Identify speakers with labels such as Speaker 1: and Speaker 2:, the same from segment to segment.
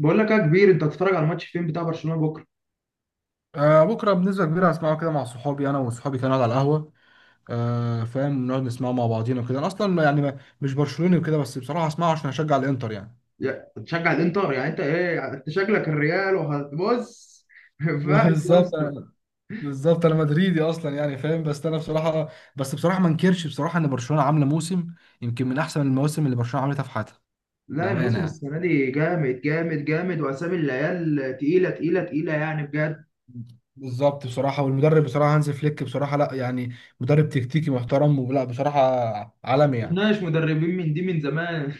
Speaker 1: بقول لك يا كبير، انت هتتفرج على الماتش فين بتاع برشلونه بكره؟
Speaker 2: آه بكره بنسبه كبيره هسمعه كده مع صحابي انا وصحابي كانوا على القهوه. آه فاهم، نقعد نسمعه مع بعضينا وكده. انا اصلا يعني مش برشلوني وكده، بس بصراحه هسمعه عشان هشجع الانتر يعني.
Speaker 1: هتشجع الانتر يعني؟ انت ايه، انت شكلك الريال وهتبص. ما ينفعش يا
Speaker 2: بالظبط
Speaker 1: اسطى.
Speaker 2: بالظبط انا مدريدي اصلا يعني فاهم، بس انا بصراحه، بس بصراحه ما انكرش بصراحه ان برشلونه عامله موسم، يمكن من احسن المواسم اللي برشلونه عملتها في حياتها،
Speaker 1: لا،
Speaker 2: بامانه
Speaker 1: الموسم
Speaker 2: يعني.
Speaker 1: السنه دي جامد جامد جامد، واسامي العيال تقيله تقيله تقيله يعني بجد.
Speaker 2: بالظبط بصراحه، والمدرب بصراحه هانز فليك بصراحه، لا يعني مدرب تكتيكي محترم، ولا بصراحه
Speaker 1: ما
Speaker 2: عالمي يعني.
Speaker 1: شفناش مدربين من دي من زمان.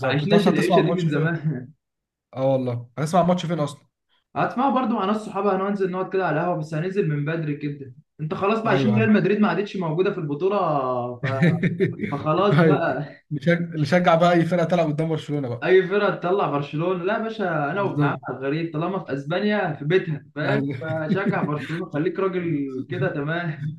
Speaker 1: ما
Speaker 2: انت
Speaker 1: عشناش
Speaker 2: اصلا هتسمع
Speaker 1: العيشه دي
Speaker 2: الماتش
Speaker 1: من
Speaker 2: فين؟
Speaker 1: زمان.
Speaker 2: اه والله هتسمع الماتش فين اصلا؟
Speaker 1: هتسمعوا برضو مع ناس صحابي، هننزل نقعد كده على القهوه، بس هننزل من بدري كده. انت خلاص بقى
Speaker 2: ايوه
Speaker 1: عشان ريال
Speaker 2: ايوه.
Speaker 1: مدريد ما عادتش موجوده في البطوله. ف- فخلاص
Speaker 2: ايوه،
Speaker 1: بقى.
Speaker 2: نشجع نشجع بقى اي فرقه تلعب قدام برشلونه بقى.
Speaker 1: اي فرقه تطلع برشلونه لا يا باشا، انا وابن عمي
Speaker 2: بالظبط
Speaker 1: على الغريب طالما في اسبانيا في بيتها، فاهم؟
Speaker 2: يعني.
Speaker 1: فشجع برشلونه خليك راجل كده، تمام.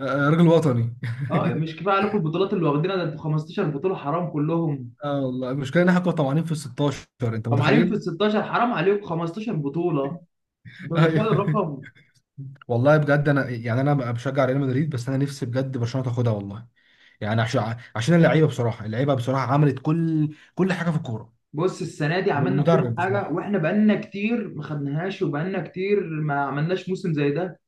Speaker 2: راجل وطني.
Speaker 1: اه مش كفايه عليكم البطولات اللي واخدينها، ده انتوا 15 بطوله حرام كلهم.
Speaker 2: اه والله، المشكله ان احنا كنا طمعانين في ال 16، انت
Speaker 1: طب عليهم في ال
Speaker 2: متخيل؟
Speaker 1: 16، حرام عليكم 15 بطوله. انت متخيل
Speaker 2: ايوه.
Speaker 1: الرقم؟
Speaker 2: والله بجد، انا يعني انا بقى بشجع ريال مدريد، بس انا نفسي بجد برشلونه تاخدها والله. يعني عشان عشان اللعيبه بصراحه، اللعيبه بصراحه عملت كل كل حاجه في الكوره،
Speaker 1: بص السنه دي عملنا كل
Speaker 2: والمدرب
Speaker 1: حاجه،
Speaker 2: بصراحه.
Speaker 1: واحنا بقالنا كتير ما خدناهاش، وبقالنا كتير ما عملناش موسم زي ده.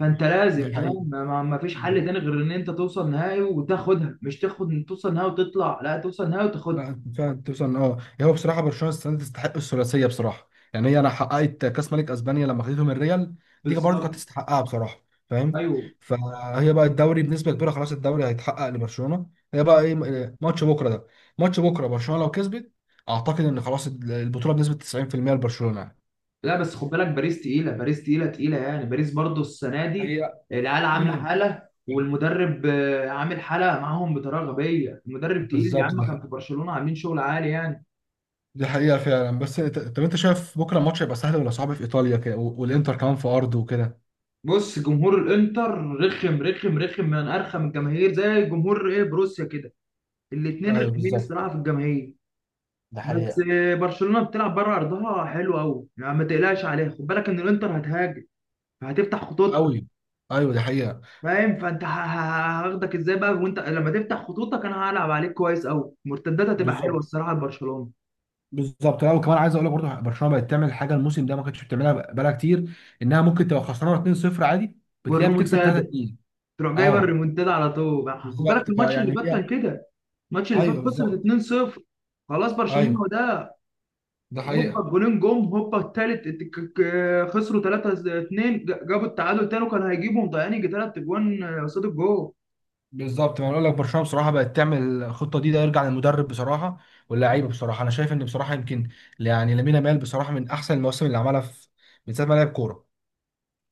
Speaker 1: فانت
Speaker 2: دي
Speaker 1: لازم
Speaker 2: حقيقه،
Speaker 1: فاهم ما فيش حل تاني غير ان انت توصل نهائي وتاخدها، مش تاخد توصل نهائي وتطلع، لا توصل نهائي وتاخدها.
Speaker 2: لا فعلا توصل. اه يعني هو بصراحه برشلونه السنه دي تستحق الثلاثيه بصراحه، يعني هي انا حققت كاس ملك اسبانيا لما خدتهم الريال، دي برضه كانت
Speaker 1: بالظبط،
Speaker 2: تستحقها بصراحه، فاهم؟
Speaker 1: ايوه.
Speaker 2: فهي بقى الدوري بنسبه كبيره خلاص، الدوري هيتحقق لبرشلونه. هي بقى ايه ماتش بكره ده؟ ماتش بكره برشلونه لو كسبت، اعتقد ان خلاص البطوله بنسبه 90% لبرشلونه يعني.
Speaker 1: لا بس خد بالك، باريس تقيله، باريس تقيله تقيله يعني، باريس برضو السنه دي
Speaker 2: هي
Speaker 1: العيال عامله
Speaker 2: امم
Speaker 1: حاله، والمدرب عامل حاله معاهم بطريقه غبيه. المدرب تقيل يا
Speaker 2: بالظبط
Speaker 1: عم، كان
Speaker 2: ده،
Speaker 1: في برشلونه عاملين شغل عالي يعني.
Speaker 2: دي حقيقه فعلا. بس طب انت شايف بكره الماتش هيبقى سهل ولا صعب، في ايطاليا كده والانتر كمان في ارضه وكده؟
Speaker 1: بص جمهور الانتر رخم رخم رخم، من ارخم الجماهير، زي جمهور ايه، بروسيا كده. الاتنين
Speaker 2: ايوه
Speaker 1: رخمين
Speaker 2: بالظبط،
Speaker 1: الصراحه في الجماهير.
Speaker 2: ده
Speaker 1: بس
Speaker 2: حقيقة
Speaker 1: برشلونه بتلعب بره ارضها حلو قوي يعني، ما تقلقش عليها. خد بالك ان الانتر هتهاجم، هتفتح خطوطها.
Speaker 2: قوي. ايوه دي حقيقه.
Speaker 1: فاهم؟ فانت هاخدك ازاي بقى وانت لما تفتح خطوطك؟ انا هلعب عليك كويس قوي، المرتدات هتبقى حلوه
Speaker 2: بالظبط
Speaker 1: الصراحه لبرشلونه.
Speaker 2: بالظبط، لا وكمان عايز اقول لك برضه، برشلونه بقت تعمل حاجه الموسم ده ما كانتش بتعملها بقالها كتير، انها ممكن تبقى خسرانه 2-0 عادي، بتلاقيها بتكسب
Speaker 1: والريمونتادا
Speaker 2: 3-2.
Speaker 1: تروح جايبه
Speaker 2: اه
Speaker 1: الريمونتادا على طول بقى. خد بالك
Speaker 2: بالظبط،
Speaker 1: الماتش اللي
Speaker 2: فيعني
Speaker 1: فات
Speaker 2: هي.
Speaker 1: كان كده. الماتش اللي فات
Speaker 2: ايوه
Speaker 1: خسرت
Speaker 2: بالظبط.
Speaker 1: 2-0، خلاص
Speaker 2: ايوه
Speaker 1: برشلونه ده.
Speaker 2: ده
Speaker 1: هوبا
Speaker 2: حقيقه.
Speaker 1: الجولين جم، هوبا التالت خسروا 3-2، جابوا التعادل تاني، وكان هيجيبوا، مضيعين يجي تلات اجوان قصاد الجول.
Speaker 2: بالظبط، ما انا اقول لك برشلونه بصراحه بقت تعمل الخطه دي، ده يرجع للمدرب بصراحه واللعيبه بصراحه. انا شايف ان بصراحه يمكن يعني لامين يامال بصراحه من احسن المواسم اللي عملها، في من ساعه ما لعب كوره.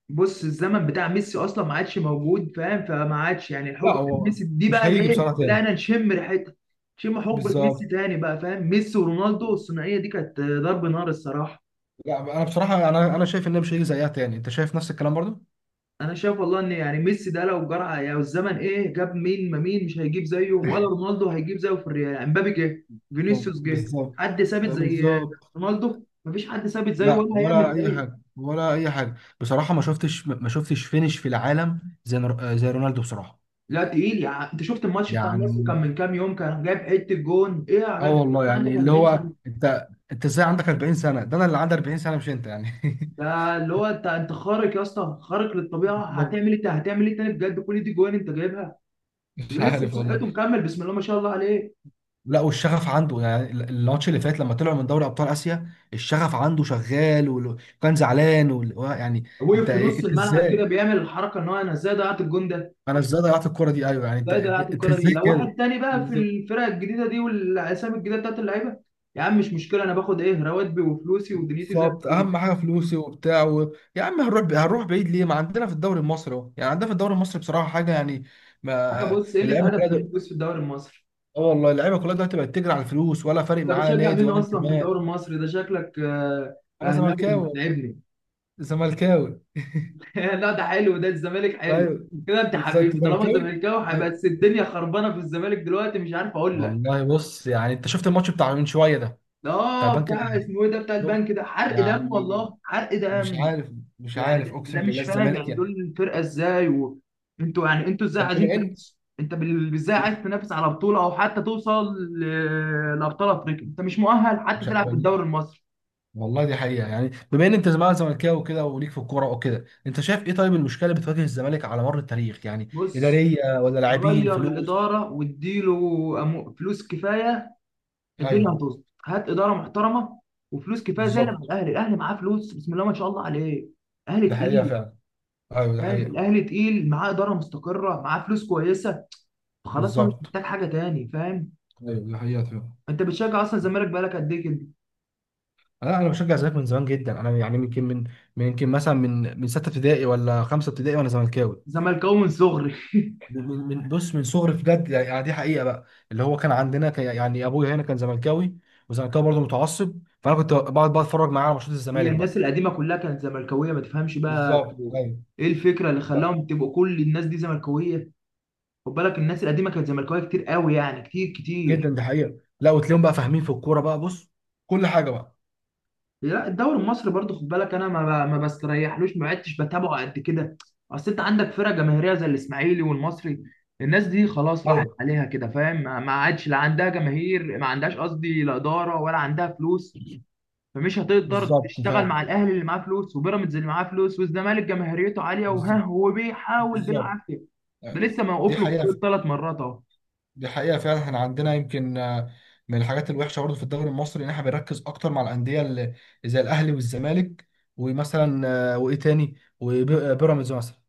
Speaker 1: بص الزمن بتاع ميسي اصلا ما عادش موجود، فاهم؟ فما عادش يعني
Speaker 2: لا
Speaker 1: الحقبه بتاع
Speaker 2: هو
Speaker 1: ميسي دي
Speaker 2: مش
Speaker 1: بقى، اللي
Speaker 2: هيجي
Speaker 1: ايه،
Speaker 2: بصراحه تاني.
Speaker 1: بدانا نشم ريحتها. نشم حقبه ميسي
Speaker 2: بالظبط،
Speaker 1: تاني بقى، فاهم؟ ميسي ورونالدو الثنائيه دي كانت ضرب نار الصراحه.
Speaker 2: لا انا بصراحه، انا شايف ان مش هيجي زيها تاني. انت شايف نفس الكلام برضو؟
Speaker 1: انا شايف والله ان يعني ميسي ده لو جرى، يعني الزمن ايه، جاب مين؟ ما مين مش هيجيب زيه، ولا رونالدو هيجيب زيه في الريال يعني. مبابي جه،
Speaker 2: بالظبط
Speaker 1: فينيسيوس جه،
Speaker 2: بالظبط
Speaker 1: حد ثابت زي
Speaker 2: بالظبط.
Speaker 1: رونالدو؟ مفيش حد ثابت زيه
Speaker 2: لا
Speaker 1: ولا
Speaker 2: ولا
Speaker 1: هيعمل
Speaker 2: اي
Speaker 1: زيه.
Speaker 2: حاجه، ولا اي حاجه بصراحه. ما شفتش فينش في العالم زي زي رونالدو بصراحه
Speaker 1: لا تقيل يعني، انت شفت الماتش بتاع النصر كان
Speaker 2: يعني.
Speaker 1: من كام يوم، كان جايب حته جون ايه يا
Speaker 2: اه
Speaker 1: جدع.
Speaker 2: والله
Speaker 1: عندك
Speaker 2: يعني، اللي
Speaker 1: 40
Speaker 2: هو
Speaker 1: سنه،
Speaker 2: انت ازاي عندك 40 سنه؟ ده انا اللي عندي 40 سنه مش انت يعني.
Speaker 1: ده اللي هو انت خارق يا اسطى، خارق للطبيعه.
Speaker 2: بالظبط،
Speaker 1: هتعمل ايه هتعمل ايه تاني بجد، كل دي جوان انت جايبها.
Speaker 2: مش
Speaker 1: ولسه
Speaker 2: عارف
Speaker 1: بصحته
Speaker 2: والله.
Speaker 1: مكمل، بسم الله ما شاء الله عليه.
Speaker 2: لا والشغف عنده يعني، الماتش اللي فات لما طلعوا من دوري ابطال اسيا، الشغف عنده شغال وكان زعلان يعني.
Speaker 1: وقف
Speaker 2: انت
Speaker 1: في نص
Speaker 2: انت
Speaker 1: الملعب كده
Speaker 2: ازاي،
Speaker 1: بيعمل الحركه ان هو، انا ازاي ضيعت الجون ده،
Speaker 2: انا ازاي ضيعت الكرة دي؟ ايوه يعني، انت
Speaker 1: ازاي ضيعت
Speaker 2: انت
Speaker 1: الكره دي.
Speaker 2: ازاي
Speaker 1: لو واحد
Speaker 2: كده.
Speaker 1: تاني بقى في
Speaker 2: بالظبط.
Speaker 1: الفرق الجديده دي والاسامي الجديده بتاعت اللعيبه، يا عم مش مشكله، انا باخد ايه، رواتبي وفلوسي ودنيتي زي
Speaker 2: بالظبط،
Speaker 1: الفل.
Speaker 2: اهم حاجه فلوسي وبتاع يا عم، هنروح هنروح بعيد ليه؟ ما عندنا في الدوري المصري اهو، يعني عندنا في الدوري المصري بصراحه حاجه يعني. ما
Speaker 1: حاجه. بص، قله
Speaker 2: اللعيبه
Speaker 1: ادب
Speaker 2: كلها
Speaker 1: في الفلوس في الدوري المصري.
Speaker 2: اه والله، اللعيبه كلها دلوقتي بقت تجري على الفلوس، ولا فارق
Speaker 1: انت
Speaker 2: معاها
Speaker 1: بتشجع
Speaker 2: نادي
Speaker 1: مين
Speaker 2: ولا
Speaker 1: اصلا في
Speaker 2: انتماء.
Speaker 1: الدوري المصري ده؟ شكلك
Speaker 2: انا
Speaker 1: اهلاوي،
Speaker 2: زملكاوي والله.
Speaker 1: بتتعبني.
Speaker 2: زملكاوي
Speaker 1: لا، ده حلو، ده الزمالك حلو.
Speaker 2: ايوه.
Speaker 1: كده انت
Speaker 2: ازاي انت
Speaker 1: حبيبي، طالما
Speaker 2: زملكاوي؟
Speaker 1: زملكاوي هيبقى،
Speaker 2: أيوة.
Speaker 1: بس الدنيا خربانه في الزمالك دلوقتي، مش عارف اقول لك.
Speaker 2: والله بص يعني، انت شفت الماتش بتاع من شويه ده بتاع
Speaker 1: اه،
Speaker 2: البنك
Speaker 1: بتاع
Speaker 2: الاهلي؟
Speaker 1: اسمه ايه ده، بتاع
Speaker 2: شفت
Speaker 1: البنك؟ ده حرق دم
Speaker 2: يعني،
Speaker 1: والله، حرق
Speaker 2: مش
Speaker 1: دم.
Speaker 2: عارف، مش
Speaker 1: يعني
Speaker 2: عارف،
Speaker 1: ده,
Speaker 2: اقسم
Speaker 1: ده
Speaker 2: بالله
Speaker 1: مش فاهم
Speaker 2: الزمالك
Speaker 1: يعني، دول
Speaker 2: يعني.
Speaker 1: الفرقه ازاي انتوا يعني، انتوا ازاي
Speaker 2: طب
Speaker 1: عايزين
Speaker 2: بما ان
Speaker 1: تنافسوا؟ انت ازاي عايز تنافس على بطوله، او حتى توصل لابطال افريقيا؟ انت مش مؤهل حتى تلعب في
Speaker 2: مش-
Speaker 1: الدوري المصري.
Speaker 2: والله دي حقيقه، يعني بما ان انت زمان زملكاوي وكده وليك في الكوره وكده، انت شايف ايه طيب المشكله اللي بتواجه الزمالك على مر التاريخ، يعني
Speaker 1: بص،
Speaker 2: اداريه ولا لاعبين
Speaker 1: غير
Speaker 2: فلوس؟
Speaker 1: الاداره واديله فلوس كفايه، الدنيا
Speaker 2: ايوه
Speaker 1: هتظبط. هات اداره محترمه وفلوس كفايه زي اللي مع
Speaker 2: بالظبط
Speaker 1: الاهلي. الاهلي معاه فلوس بسم الله ما شاء الله عليه. الاهلي
Speaker 2: ده حقيقه
Speaker 1: تقيل،
Speaker 2: فعلا. ايوه ده
Speaker 1: فاهم؟
Speaker 2: حقيقه.
Speaker 1: الاهلي تقيل، معاه اداره مستقره، معاه فلوس كويسه. خلاص، هو مش
Speaker 2: بالظبط،
Speaker 1: محتاج حاجه تاني، فاهم؟
Speaker 2: ايوه ده حقيقه فعلا.
Speaker 1: انت بتشجع اصلا الزمالك بقالك قد ايه كده؟
Speaker 2: لا انا بشجع الزمالك من زمان جدا، انا يعني يمكن من، يمكن مثلا من سته ابتدائي ولا خمسه ابتدائي، وانا زملكاوي.
Speaker 1: زملكاوي من صغري.
Speaker 2: بص من صغري بجد، يعني دي حقيقه بقى. اللي هو كان عندنا كان يعني ابويا هنا كان زملكاوي، وزملكاوي برضه متعصب، فانا كنت بقعد بقى اتفرج معاه على ماتشات
Speaker 1: هي
Speaker 2: الزمالك
Speaker 1: الناس
Speaker 2: بقى.
Speaker 1: القديمه كلها كانت زملكاويه، ما تفهمش بقى
Speaker 2: بالظبط
Speaker 1: كانوا
Speaker 2: ايوه.
Speaker 1: ايه الفكره اللي
Speaker 2: ف-
Speaker 1: خلاهم تبقوا كل الناس دي زملكاويه. خد بالك الناس القديمه كانت زملكاويه كتير قوي يعني، كتير كتير.
Speaker 2: جدا دي حقيقه. لا وتلاقيهم بقى فاهمين في الكوره بقى، بص كل حاجه بقى.
Speaker 1: لا الدوري المصري برضو خد بالك، انا ما بستريحلوش، ما عدتش بتابعه قد كده. اصل انت عندك فرقه جماهيريه زي الاسماعيلي والمصري، الناس دي خلاص راحت
Speaker 2: ايوه
Speaker 1: عليها كده، فاهم؟ ما عادش لا عندها جماهير، ما عندهاش قصدي لا اداره ولا عندها فلوس. فمش هتقدر
Speaker 2: بالظبط.
Speaker 1: تشتغل مع الاهلي اللي معاه فلوس، وبيراميدز اللي معاه فلوس، والزمالك جماهيريته عاليه وها
Speaker 2: بالظبط
Speaker 1: هو بيحاول
Speaker 2: بالظبط.
Speaker 1: بالعافيه. ده لسه
Speaker 2: دي
Speaker 1: موقف له
Speaker 2: حقيقه.
Speaker 1: ثلاث مرات اهو.
Speaker 2: دي حقيقة فعلا، احنا عندنا يمكن من الحاجات الوحشة برضه في الدوري المصري، ان احنا بنركز اكتر مع الأندية اللي زي الأهلي والزمالك، ومثلا وايه تاني، وبيراميدز مثلا.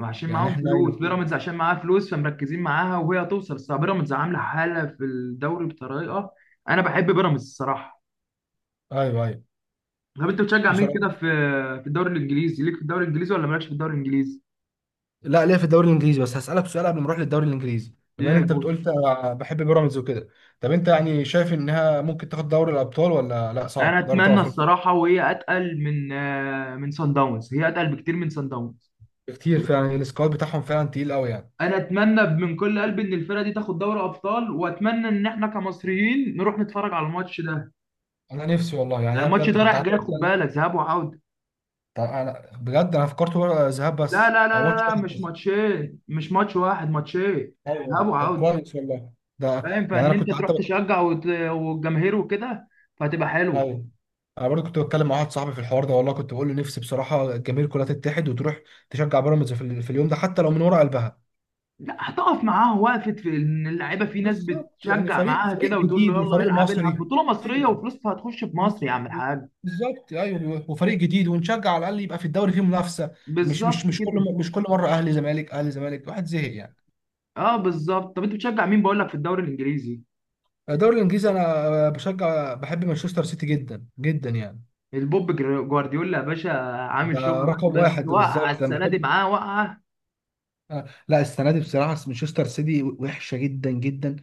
Speaker 1: عشان
Speaker 2: يعني
Speaker 1: معاهم
Speaker 2: احنا
Speaker 1: فلوس،
Speaker 2: يمكن.
Speaker 1: بيراميدز عشان معاها فلوس، فمركزين معاها وهي هتوصل، بس بيراميدز عامله حاله في الدوري بطريقه. انا بحب بيراميدز الصراحه.
Speaker 2: ايوه ايوه.
Speaker 1: طب انت بتشجع مين
Speaker 2: بسرعة.
Speaker 1: كده في الدوري الانجليزي؟ ليك في الدوري الانجليزي ولا مالكش في الدوري الانجليزي؟
Speaker 2: لا ليه، في الدوري الانجليزي بس هسألك سؤال قبل ما نروح للدوري الانجليزي،
Speaker 1: ايه
Speaker 2: بما ان
Speaker 1: يا
Speaker 2: انت بتقول
Speaker 1: بص،
Speaker 2: انت بحب بيراميدز وكده، طب انت يعني شايف انها ممكن تاخد دوري الابطال ولا لا؟
Speaker 1: انا
Speaker 2: صعب دوري ابطال
Speaker 1: اتمنى
Speaker 2: افريقيا.
Speaker 1: الصراحه، وهي اتقل من من سان داونز، هي اتقل بكتير من سان داونز.
Speaker 2: كتير فعلا، السكواد بتاعهم فعلا تقيل قوي يعني.
Speaker 1: انا اتمنى من كل قلبي ان الفرقه دي تاخد دوري ابطال، واتمنى ان احنا كمصريين نروح نتفرج على الماتش ده.
Speaker 2: انا نفسي والله، يعني
Speaker 1: يعني
Speaker 2: انا
Speaker 1: الماتش
Speaker 2: بجد
Speaker 1: ده
Speaker 2: كنت
Speaker 1: رايح
Speaker 2: قعدت.
Speaker 1: جاي، خد بالك، ذهاب وعوده.
Speaker 2: طب انا بجد، انا فكرت ذهاب
Speaker 1: لا
Speaker 2: بس،
Speaker 1: لا لا
Speaker 2: او
Speaker 1: لا
Speaker 2: ماتش
Speaker 1: لا،
Speaker 2: واحد
Speaker 1: مش
Speaker 2: بس.
Speaker 1: ماتشين، مش ماتش واحد، ماتشين، ذهاب
Speaker 2: ايوه طب
Speaker 1: وعودة.
Speaker 2: كويس والله. ده
Speaker 1: فاهم؟
Speaker 2: يعني
Speaker 1: فان
Speaker 2: انا
Speaker 1: انت
Speaker 2: كنت
Speaker 1: تروح
Speaker 2: حتى
Speaker 1: تشجع والجماهير وكده، فهتبقى حلو.
Speaker 2: ايوه، انا برضه كنت بتكلم مع واحد صاحبي في الحوار ده والله، كنت بقول له نفسي بصراحه الجماهير كلها تتحد وتروح تشجع بيراميدز في، في اليوم ده، حتى لو من ورا قلبها.
Speaker 1: لا هتقف معاه، وقفت في ان اللعيبه في ناس
Speaker 2: بالظبط، يعني
Speaker 1: بتشجع
Speaker 2: فريق،
Speaker 1: معاها
Speaker 2: فريق
Speaker 1: كده، وتقول له
Speaker 2: جديد
Speaker 1: يلا
Speaker 2: وفريق
Speaker 1: العب العب
Speaker 2: مصري.
Speaker 1: بطوله مصريه
Speaker 2: ايوه.
Speaker 1: وفلوسها هتخش في
Speaker 2: بز-
Speaker 1: مصر يا عم
Speaker 2: ب-
Speaker 1: الحاج.
Speaker 2: بالظبط ايوه، وفريق جديد ونشجع، على الاقل يبقى في الدوري فيه منافسه. مش مش
Speaker 1: بالظبط
Speaker 2: مش كل
Speaker 1: كده.
Speaker 2: م- مش كل مره اهلي زمالك اهلي زمالك، واحد زهق يعني.
Speaker 1: اه بالظبط. طب انت بتشجع مين بقول لك في الدوري الانجليزي؟
Speaker 2: الدوري الانجليزي انا بشجع، بحب مانشستر سيتي جدا جدا يعني.
Speaker 1: البوب جوارديولا يا باشا، عامل
Speaker 2: ده
Speaker 1: شغل،
Speaker 2: رقم
Speaker 1: بس
Speaker 2: واحد،
Speaker 1: وقع
Speaker 2: بالظبط انا
Speaker 1: السنه دي
Speaker 2: بحب.
Speaker 1: معاه وقعه.
Speaker 2: لا السنه دي بصراحه مانشستر سيتي وحشه جدا جدا،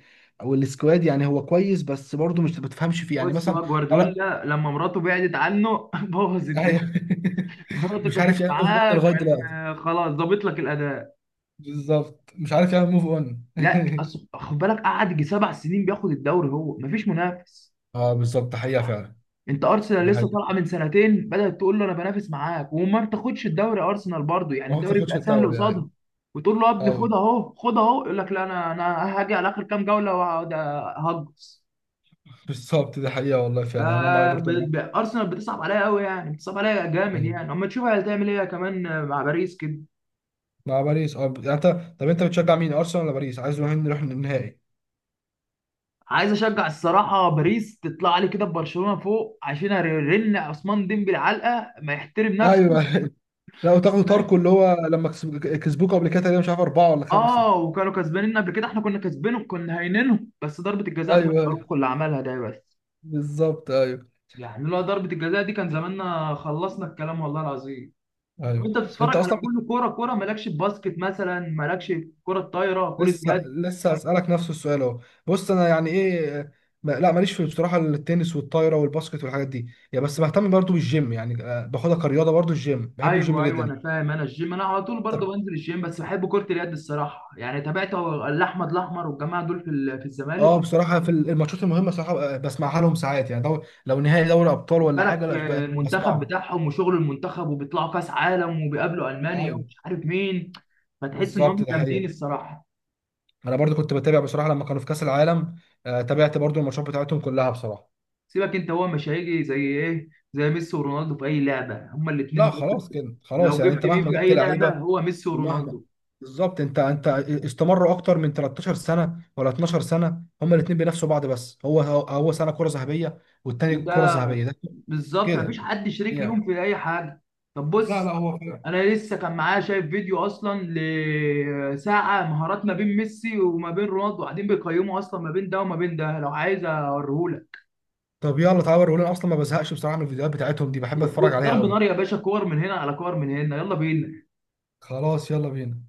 Speaker 2: والسكواد يعني هو كويس بس برضه مش بتفهمش فيه يعني
Speaker 1: بص
Speaker 2: مثلا.
Speaker 1: هو
Speaker 2: لا.
Speaker 1: جوارديولا لما مراته بعدت عنه بوظ الدنيا.
Speaker 2: أيوه.
Speaker 1: مراتك
Speaker 2: مش عارف
Speaker 1: كانت
Speaker 2: يعمل موف اون
Speaker 1: معاك
Speaker 2: لغايه
Speaker 1: كان
Speaker 2: دلوقتي.
Speaker 1: خلاص ظابط لك الاداء.
Speaker 2: بالظبط، مش عارف يعمل موف اون.
Speaker 1: لا خد بالك قعد يجي سبع سنين بياخد الدوري، هو مفيش منافس.
Speaker 2: اه بالظبط، حقيقه فعلا.
Speaker 1: انت ارسنال
Speaker 2: ده
Speaker 1: لسه طالعه
Speaker 2: حقيقه.
Speaker 1: من سنتين بدات تقول له انا بنافس معاك، وما بتاخدش الدوري، ارسنال برضو يعني
Speaker 2: ما هو ما
Speaker 1: الدوري
Speaker 2: بتاخدش
Speaker 1: بيبقى سهل
Speaker 2: الدوري ايوه.
Speaker 1: قصادها. وتقول له يا ابني خد
Speaker 2: ايوه
Speaker 1: اهو خد اهو، يقول لك لا، انا هاجي على اخر كام جوله وهقعد هجص.
Speaker 2: بالظبط، ده حقيقه والله فعلا، انا معاك برضه، أنا
Speaker 1: ارسنال بتصعب عليا قوي يعني، بتصعب عليا جامد يعني،
Speaker 2: معاك.
Speaker 1: اما تشوف هتعمل ايه كمان مع باريس كده.
Speaker 2: مع باريس، اه يعني انت، طب انت بتشجع مين، ارسنال ولا باريس؟ عايز نروح، نروح النهائي.
Speaker 1: عايز اشجع الصراحه باريس، تطلع لي كده ببرشلونه فوق، عشان ارن عثمان ديمبلي علقه ما يحترم نفسه.
Speaker 2: ايوه. لا وتاخدوا
Speaker 1: لا.
Speaker 2: تاركو اللي هو لما كسبوك قبل كده، تقريبا مش عارف اربعه ولا خمسه.
Speaker 1: اه، وكانوا كسبانين قبل كده، احنا كنا كسبانهم، كنا هاينينهم، بس ضربه الجزاء بتاعت
Speaker 2: ايوه ايوه.
Speaker 1: اروخو اللي عملها ده بس.
Speaker 2: بالظبط ايوه.
Speaker 1: يعني لولا ضربه الجزاء دي كان زماننا خلصنا الكلام والله العظيم. طب
Speaker 2: ايوه.
Speaker 1: انت
Speaker 2: انت
Speaker 1: بتتفرج على
Speaker 2: اصلا
Speaker 1: كل كوره كوره، مالكش في باسكت مثلا؟ مالكش في كره طايره، كره
Speaker 2: لسه
Speaker 1: يد؟
Speaker 2: لسه اسالك نفس السؤال اهو. بص انا يعني ايه، لا ماليش في بصراحه التنس والطايره والباسكت والحاجات دي، يا بس بهتم برضو بالجيم يعني، باخدها كرياضه برضو، الجيم بحب الجيم
Speaker 1: ايوه ايوه
Speaker 2: جدا.
Speaker 1: انا فاهم، انا الجيم انا على طول برضه بنزل الجيم، بس بحب كره اليد الصراحه يعني، تابعت الاحمد الاحمر والجماعه دول في في الزمالك.
Speaker 2: اه بصراحه في الماتشات المهمه صراحه بسمعها لهم ساعات يعني، لو نهائي دوري ابطال
Speaker 1: خد
Speaker 2: ولا حاجه،
Speaker 1: بالك
Speaker 2: لا
Speaker 1: المنتخب
Speaker 2: بسمعه.
Speaker 1: بتاعهم وشغل المنتخب، وبيطلعوا كاس عالم وبيقابلوا المانيا
Speaker 2: ايوه
Speaker 1: ومش عارف مين، فتحس ان
Speaker 2: بالظبط
Speaker 1: هم
Speaker 2: ده
Speaker 1: جامدين
Speaker 2: حقيقه.
Speaker 1: الصراحه.
Speaker 2: انا برضو كنت بتابع بصراحه لما كانوا في كاس العالم، تابعت برضو الماتشات بتاعتهم كلها بصراحه.
Speaker 1: سيبك انت، هو مش هيجي زي ايه، زي ميسي ورونالدو في اي لعبه هما الاثنين
Speaker 2: لا
Speaker 1: دول.
Speaker 2: خلاص كده، خلاص
Speaker 1: لو
Speaker 2: يعني انت
Speaker 1: جبت مين
Speaker 2: مهما
Speaker 1: في
Speaker 2: جبت
Speaker 1: اي لعبه
Speaker 2: لعيبه
Speaker 1: هو ميسي
Speaker 2: ومهما،
Speaker 1: ورونالدو،
Speaker 2: بالظبط. انت استمروا اكتر من 13 سنه ولا 12 سنه، هما الاثنين بينافسوا بعض، بس هو، هو هو سنه كره ذهبيه والتاني كره
Speaker 1: وده
Speaker 2: ذهبيه، ده
Speaker 1: بالظبط، مفيش
Speaker 2: كده
Speaker 1: حد شريك ليهم
Speaker 2: يعني.
Speaker 1: في اي حاجه. طب
Speaker 2: لا لا
Speaker 1: بص،
Speaker 2: هو،
Speaker 1: انا لسه كان معايا شايف فيديو اصلا لساعه، مهارات ما بين ميسي وما بين رونالدو، قاعدين بيقيموا اصلا ما بين ده وما بين ده، لو عايز اوريهولك.
Speaker 2: طب يلا تعالى وريهولي، انا اصلا ما بزهقش بصراحه من الفيديوهات بتاعتهم دي، بحب اتفرج عليها
Speaker 1: ضرب
Speaker 2: قوي.
Speaker 1: نار يا باشا، كور من هنا على كور من هنا، يلا بينا.
Speaker 2: خلاص يلا بينا.